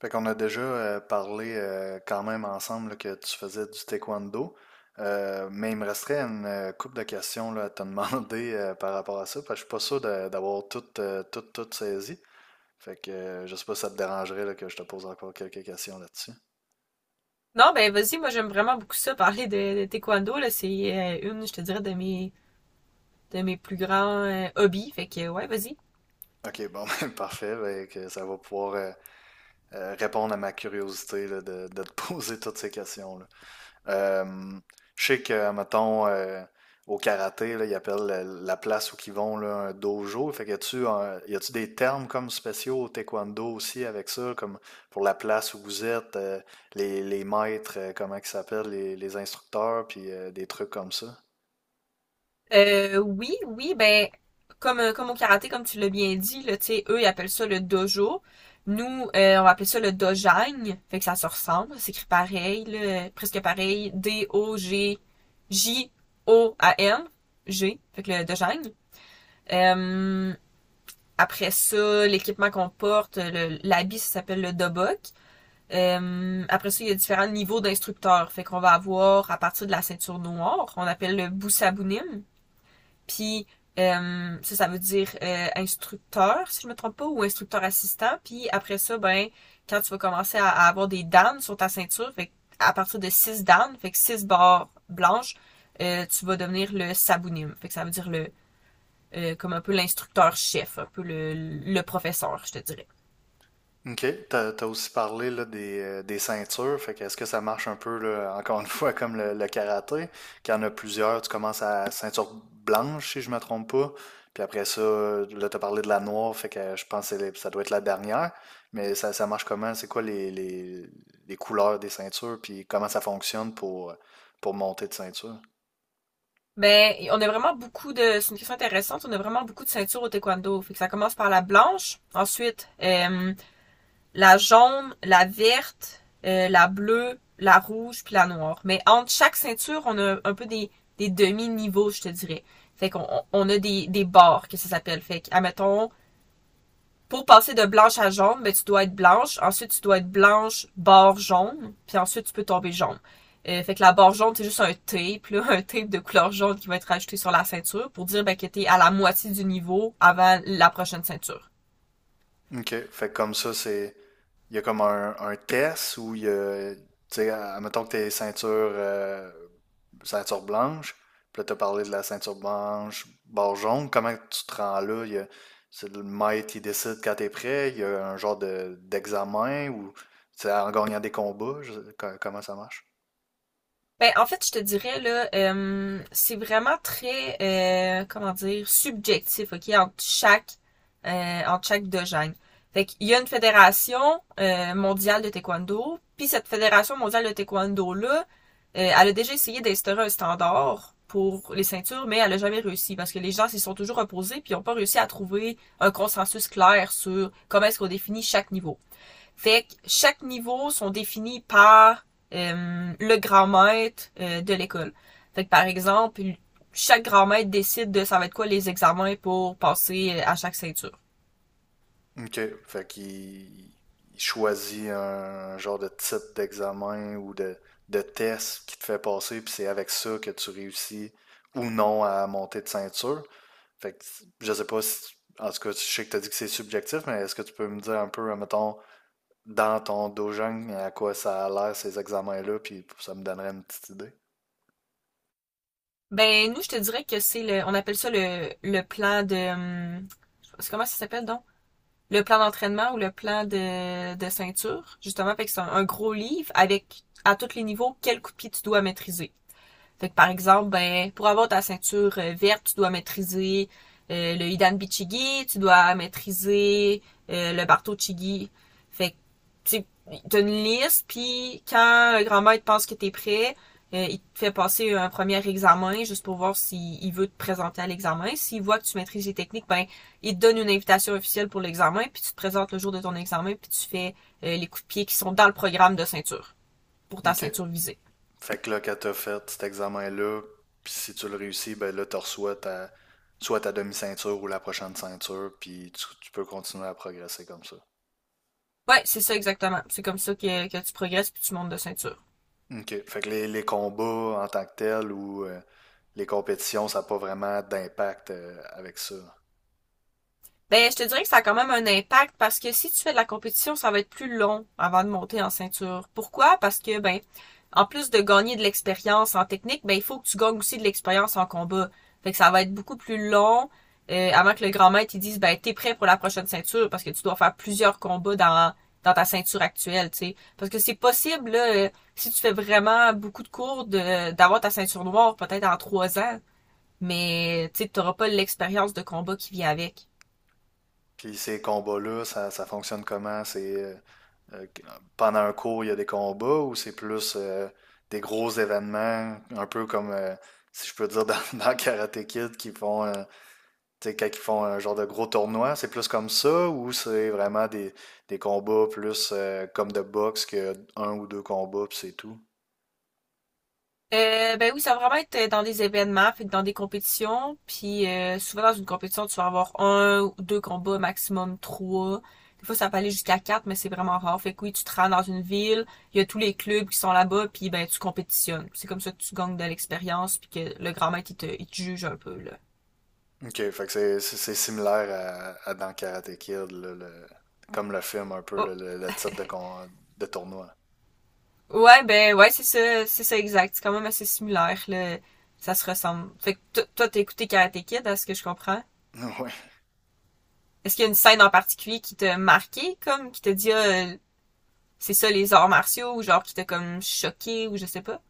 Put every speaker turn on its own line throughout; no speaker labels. Fait qu'on a déjà parlé quand même ensemble là, que tu faisais du taekwondo. Mais il me resterait une couple de questions là, à te demander par rapport à ça, parce que je suis pas sûr d'avoir tout, tout saisi. Fait que Je sais pas si ça te dérangerait là, que je te pose encore quelques questions là-dessus.
Non, ben vas-y, moi j'aime vraiment beaucoup ça, parler de taekwondo, là, c'est une, je te dirais, de mes plus grands hobbies, fait que ouais, vas-y.
Ok, bon, ben, parfait. Fait que ça va pouvoir répondre à ma curiosité là, de te poser toutes ces questions-là. Euh, je sais que, mettons, au karaté, là, ils appellent la place où ils vont là, un dojo. Fait que y a-tu des termes comme spéciaux au taekwondo aussi avec ça, comme pour la place où vous êtes, les maîtres, comment ils s'appellent, les instructeurs, puis des trucs comme ça?
Oui, oui, ben comme au karaté, comme tu l'as bien dit, là, tu sais, eux, ils appellent ça le dojo. Nous, on va appeler ça le dojagne, fait que ça se ressemble, c'est écrit pareil, là, presque pareil, D-O-G-J-O-A-N, G, J O A N, G, fait que le dojagne. Euh, après ça, l'équipement qu'on porte, l'habit, ça s'appelle le dobok. Après ça, il y a différents niveaux d'instructeurs. Fait qu'on va avoir, à partir de la ceinture noire, on appelle le Boussabounim. Puis ça, ça veut dire instructeur, si je me trompe pas, ou instructeur assistant. Puis après ça, ben, quand tu vas commencer à avoir des dames sur ta ceinture, fait à partir de 6 dames, fait que 6 barres blanches, tu vas devenir le sabounim. Fait que ça veut dire le comme un peu l'instructeur chef, un peu le professeur, je te dirais.
OK. T'as aussi parlé là, des ceintures. Fait que est-ce que ça marche un peu, là, encore une fois, comme le karaté, qu'il y en a plusieurs, tu commences à ceinture blanche, si je me trompe pas. Puis après ça, là, t'as parlé de la noire, fait que je pense que ça doit être la dernière. Mais ça marche comment? C'est quoi les couleurs des ceintures? Puis comment ça fonctionne pour monter de ceinture?
Ben, on a vraiment beaucoup de, c'est une question intéressante, on a vraiment beaucoup de ceintures au taekwondo. Fait que ça commence par la blanche, ensuite la jaune, la verte, la bleue, la rouge, puis la noire. Mais entre chaque ceinture, on a un peu des demi-niveaux, je te dirais. Fait qu'on a des barres, que ça s'appelle. Fait que, admettons, pour passer de blanche à jaune, ben, tu dois être blanche. Ensuite, tu dois être blanche, bord jaune. Puis ensuite, tu peux tomber jaune. Fait que la barre jaune, c'est juste un tape, là, un tape de couleur jaune qui va être ajouté sur la ceinture pour dire ben, que t'es à la moitié du niveau avant la prochaine ceinture.
OK. Fait que comme ça, c'est. Il y a comme un test où il y a. Tu sais, à admettons que t'es ceinture ceinture blanche. Puis là, t'as parlé de la ceinture blanche, barre jaune. Comment tu te rends là? C'est le maître qui décide quand t'es prêt. Il y a un genre de, d'examen ou c'est en gagnant des combats. Comment ça marche?
Ben, en fait, je te dirais, là, c'est vraiment très, comment dire, subjectif, OK, entre chaque dojo. Fait qu'il y a une fédération mondiale de taekwondo, puis cette fédération mondiale de taekwondo-là, elle a déjà essayé d'instaurer un standard pour les ceintures, mais elle a jamais réussi, parce que les gens s'y sont toujours opposés, puis ils n'ont pas réussi à trouver un consensus clair sur comment est-ce qu'on définit chaque niveau. Fait que chaque niveau sont définis par le grand maître de l'école. Fait que par exemple, chaque grand maître décide de ça va être quoi les examens pour passer à chaque ceinture.
Ok. Fait qu'il il choisit un genre de type d'examen ou de test qui te fait passer. Puis c'est avec ça que tu réussis ou non à monter de ceinture. Fait que je sais pas si. En tout cas, je sais que t'as dit que c'est subjectif, mais est-ce que tu peux me dire un peu, mettons, dans ton dojang à quoi ça a l'air ces examens-là, puis ça me donnerait une petite idée.
Ben nous, je te dirais que c'est on appelle ça le plan de, hum, c'est comment ça s'appelle donc? Le plan d'entraînement ou le plan de ceinture, justement, fait que c'est un gros livre avec à tous les niveaux quel coup de pied tu dois maîtriser. Fait que par exemple, ben, pour avoir ta ceinture verte, tu dois maîtriser le Hidan Bichigi, tu dois maîtriser le Barto Chigi. Fait que tu as une liste, puis quand le grand maître pense que t'es prêt, il te fait passer un premier examen juste pour voir s'il il veut te présenter à l'examen. S'il voit que tu maîtrises les techniques, ben il te donne une invitation officielle pour l'examen, puis tu te présentes le jour de ton examen, puis tu fais les coups de pied qui sont dans le programme de ceinture pour ta
OK.
ceinture visée.
Fait que là, quand t'as fait cet examen-là, puis si tu le réussis, ben là, tu reçois ta, soit ta demi-ceinture ou la prochaine ceinture, puis tu peux continuer à progresser comme ça.
Ouais, c'est ça exactement. C'est comme ça que tu progresses puis tu montes de ceinture.
OK. Fait que les combats en tant que tels ou les compétitions, ça n'a pas vraiment d'impact avec ça.
Ben, je te dirais que ça a quand même un impact parce que si tu fais de la compétition, ça va être plus long avant de monter en ceinture. Pourquoi? Parce que, ben, en plus de gagner de l'expérience en technique, ben, il faut que tu gagnes aussi de l'expérience en combat. Fait que ça va être beaucoup plus long avant que le grand maître il dise, ben, t'es prêt pour la prochaine ceinture parce que tu dois faire plusieurs combats dans ta ceinture actuelle, tu sais. Parce que c'est possible, là, si tu fais vraiment beaucoup de cours, d'avoir ta ceinture noire peut-être en 3 ans, mais tu n'auras pas l'expérience de combat qui vient avec.
Puis ces combats-là, ça fonctionne comment? C'est euh, Pendant un cours, il y a des combats ou c'est plus des gros événements, un peu comme si je peux dire dans, dans Karate Kid qui font tu sais, quand ils font un genre de gros tournoi, c'est plus comme ça ou c'est vraiment des combats plus comme de boxe que un ou deux combats puis c'est tout.
Ben oui, ça va vraiment être dans des événements, fait que dans des compétitions, puis souvent dans une compétition, tu vas avoir un ou deux combats, maximum trois. Des fois, ça peut aller jusqu'à quatre, mais c'est vraiment rare. Fait que oui, tu te rends dans une ville, il y a tous les clubs qui sont là-bas, puis ben tu compétitionnes. C'est comme ça que tu gagnes de l'expérience, puis que le grand maître, il te juge un peu, là.
Ok, fait que c'est similaire à dans Karate Kid, là, comme le film un peu
Oh,
le type de tournoi.
ouais, ben ouais, c'est ça exact. C'est quand même assez similaire, là. Ça se ressemble. Fait que toi, t'as écouté Karate Kid, à ce que je comprends.
Ouais.
Est-ce qu'il y a une scène en particulier qui t'a marqué, comme, qui t'a dit, ah, c'est ça les arts martiaux, ou genre qui t'a comme choqué, ou je sais pas?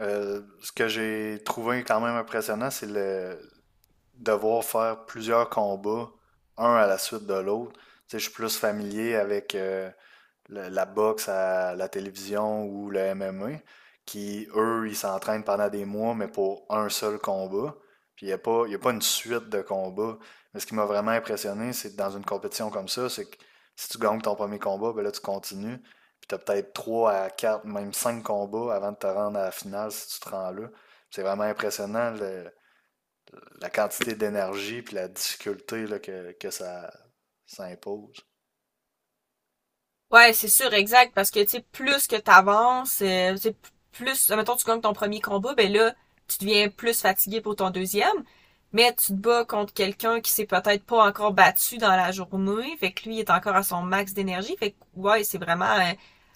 Ce que j'ai trouvé quand même impressionnant, c'est le devoir faire plusieurs combats, un à la suite de l'autre. Tu sais, je suis plus familier avec la boxe à la télévision ou le MMA, qui, eux, ils s'entraînent pendant des mois, mais pour un seul combat. Puis il n'y a pas, Y a pas une suite de combats. Mais ce qui m'a vraiment impressionné, c'est que dans une compétition comme ça, c'est que si tu gagnes ton premier combat, ben là, tu continues. Puis tu as peut-être 3 à 4, même 5 combats avant de te rendre à la finale si tu te rends là. C'est vraiment impressionnant la quantité d'énergie puis la difficulté là, que ça impose.
Ouais, c'est sûr, exact, parce que, tu sais, plus que t'avances, tu sais, plus, admettons tu gagnes ton premier combat, ben là, tu deviens plus fatigué pour ton deuxième, mais tu te bats contre quelqu'un qui s'est peut-être pas encore battu dans la journée, fait que lui, il est encore à son max d'énergie, fait que, ouais, c'est vraiment,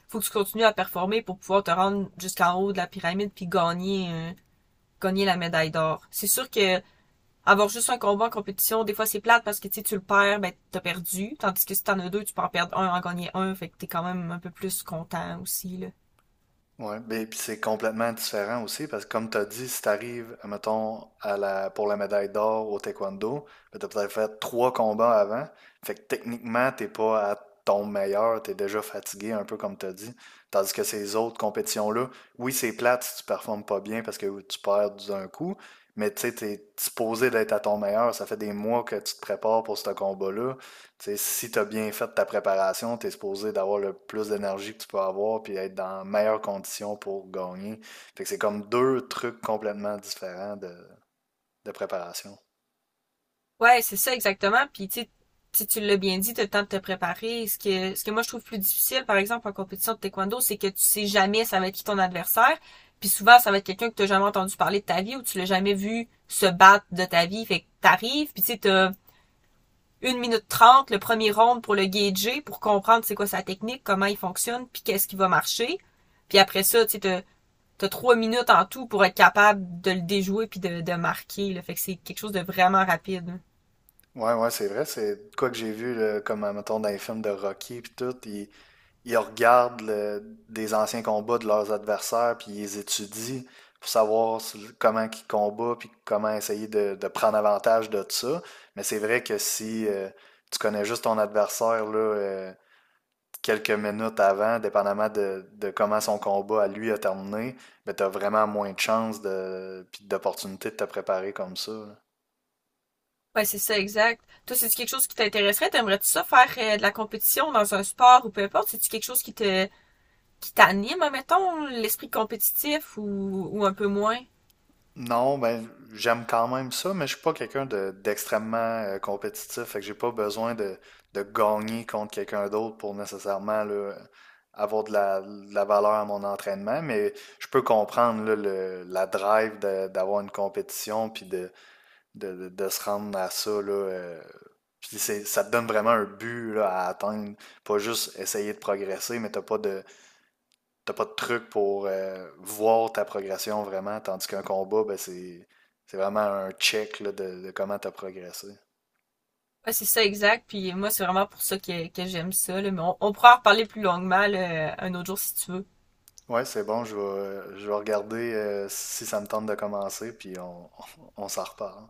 faut que tu continues à performer pour pouvoir te rendre jusqu'en haut de la pyramide puis gagner la médaille d'or. C'est sûr que avoir juste un combat en compétition, des fois c'est plate parce que tu sais, tu le perds, ben t'as perdu. Tandis que si t'en as deux, tu peux en perdre un, en gagner un, fait que t'es quand même un peu plus content aussi, là.
Ouais, beh, puis c'est complètement différent aussi parce que comme tu as dit, si tu arrives, mettons, pour la médaille d'or au taekwondo, ben, tu as peut-être fait trois combats avant. Fait que techniquement, t'es pas à ton meilleur, tu es déjà fatigué, un peu comme tu as dit. Tandis que ces autres compétitions-là, oui, c'est plate si tu performes pas bien parce que tu perds d'un coup, mais tu sais, tu es supposé d'être à ton meilleur. Ça fait des mois que tu te prépares pour ce combat-là. T'sais, si tu as bien fait ta préparation, tu es supposé d'avoir le plus d'énergie que tu peux avoir puis être dans les meilleures conditions pour gagner. Fait que c'est comme deux trucs complètement différents de préparation.
Ouais, c'est ça exactement. Puis tu sais, si tu l'as bien dit, tu as le temps de te préparer. Ce que moi je trouve plus difficile, par exemple, en compétition de taekwondo, c'est que tu sais jamais ça va être qui ton adversaire. Puis souvent, ça va être quelqu'un que tu n'as jamais entendu parler de ta vie ou tu l'as jamais vu se battre de ta vie. Fait que t'arrives, puis tu sais, t'as 1 minute 30, le premier round pour le gager, pour comprendre c'est quoi sa technique, comment il fonctionne, puis qu'est-ce qui va marcher. Puis après ça, tu sais, t'as 3 minutes en tout pour être capable de le déjouer puis de marquer, là. Fait que c'est quelque chose de vraiment rapide, hein.
Ouais, c'est vrai. C'est quoi que j'ai vu, là, comme, mettons, dans les films de Rocky puis tout, ils regardent des anciens combats de leurs adversaires puis ils les étudient pour savoir comment ils combattent puis comment essayer de prendre avantage de ça. Mais c'est vrai que si tu connais juste ton adversaire, là, quelques minutes avant, dépendamment de comment son combat à lui a terminé, ben t'as vraiment moins de chances de, puis d'opportunités de te préparer comme ça. Là.
Ouais, c'est ça, exact. Toi, c'est-tu quelque chose qui t'intéresserait? T'aimerais-tu ça faire de la compétition dans un sport ou peu importe? C'est-tu quelque chose qui t'anime, mettons, l'esprit compétitif ou un peu moins?
Non, ben j'aime quand même ça, mais je suis pas d'extrêmement compétitif, fait que j'ai pas besoin de gagner contre quelqu'un d'autre pour nécessairement là, avoir de de la valeur à mon entraînement, mais je peux comprendre là, le, la drive d'avoir une compétition puis de se rendre à ça. Là, puis c'est, ça te donne vraiment un but là, à atteindre. Pas juste essayer de progresser, mais t'as pas de truc pour voir ta progression vraiment. Tandis qu'un combat, ben c'est vraiment un check là, de comment t'as progressé.
Ouais, c'est ça, exact. Puis moi, c'est vraiment pour ça que j'aime ça, là. Mais on pourra en reparler plus longuement, là, un autre jour si tu veux.
Ouais, c'est bon, je vais regarder si ça me tente de commencer, puis on s'en reparle.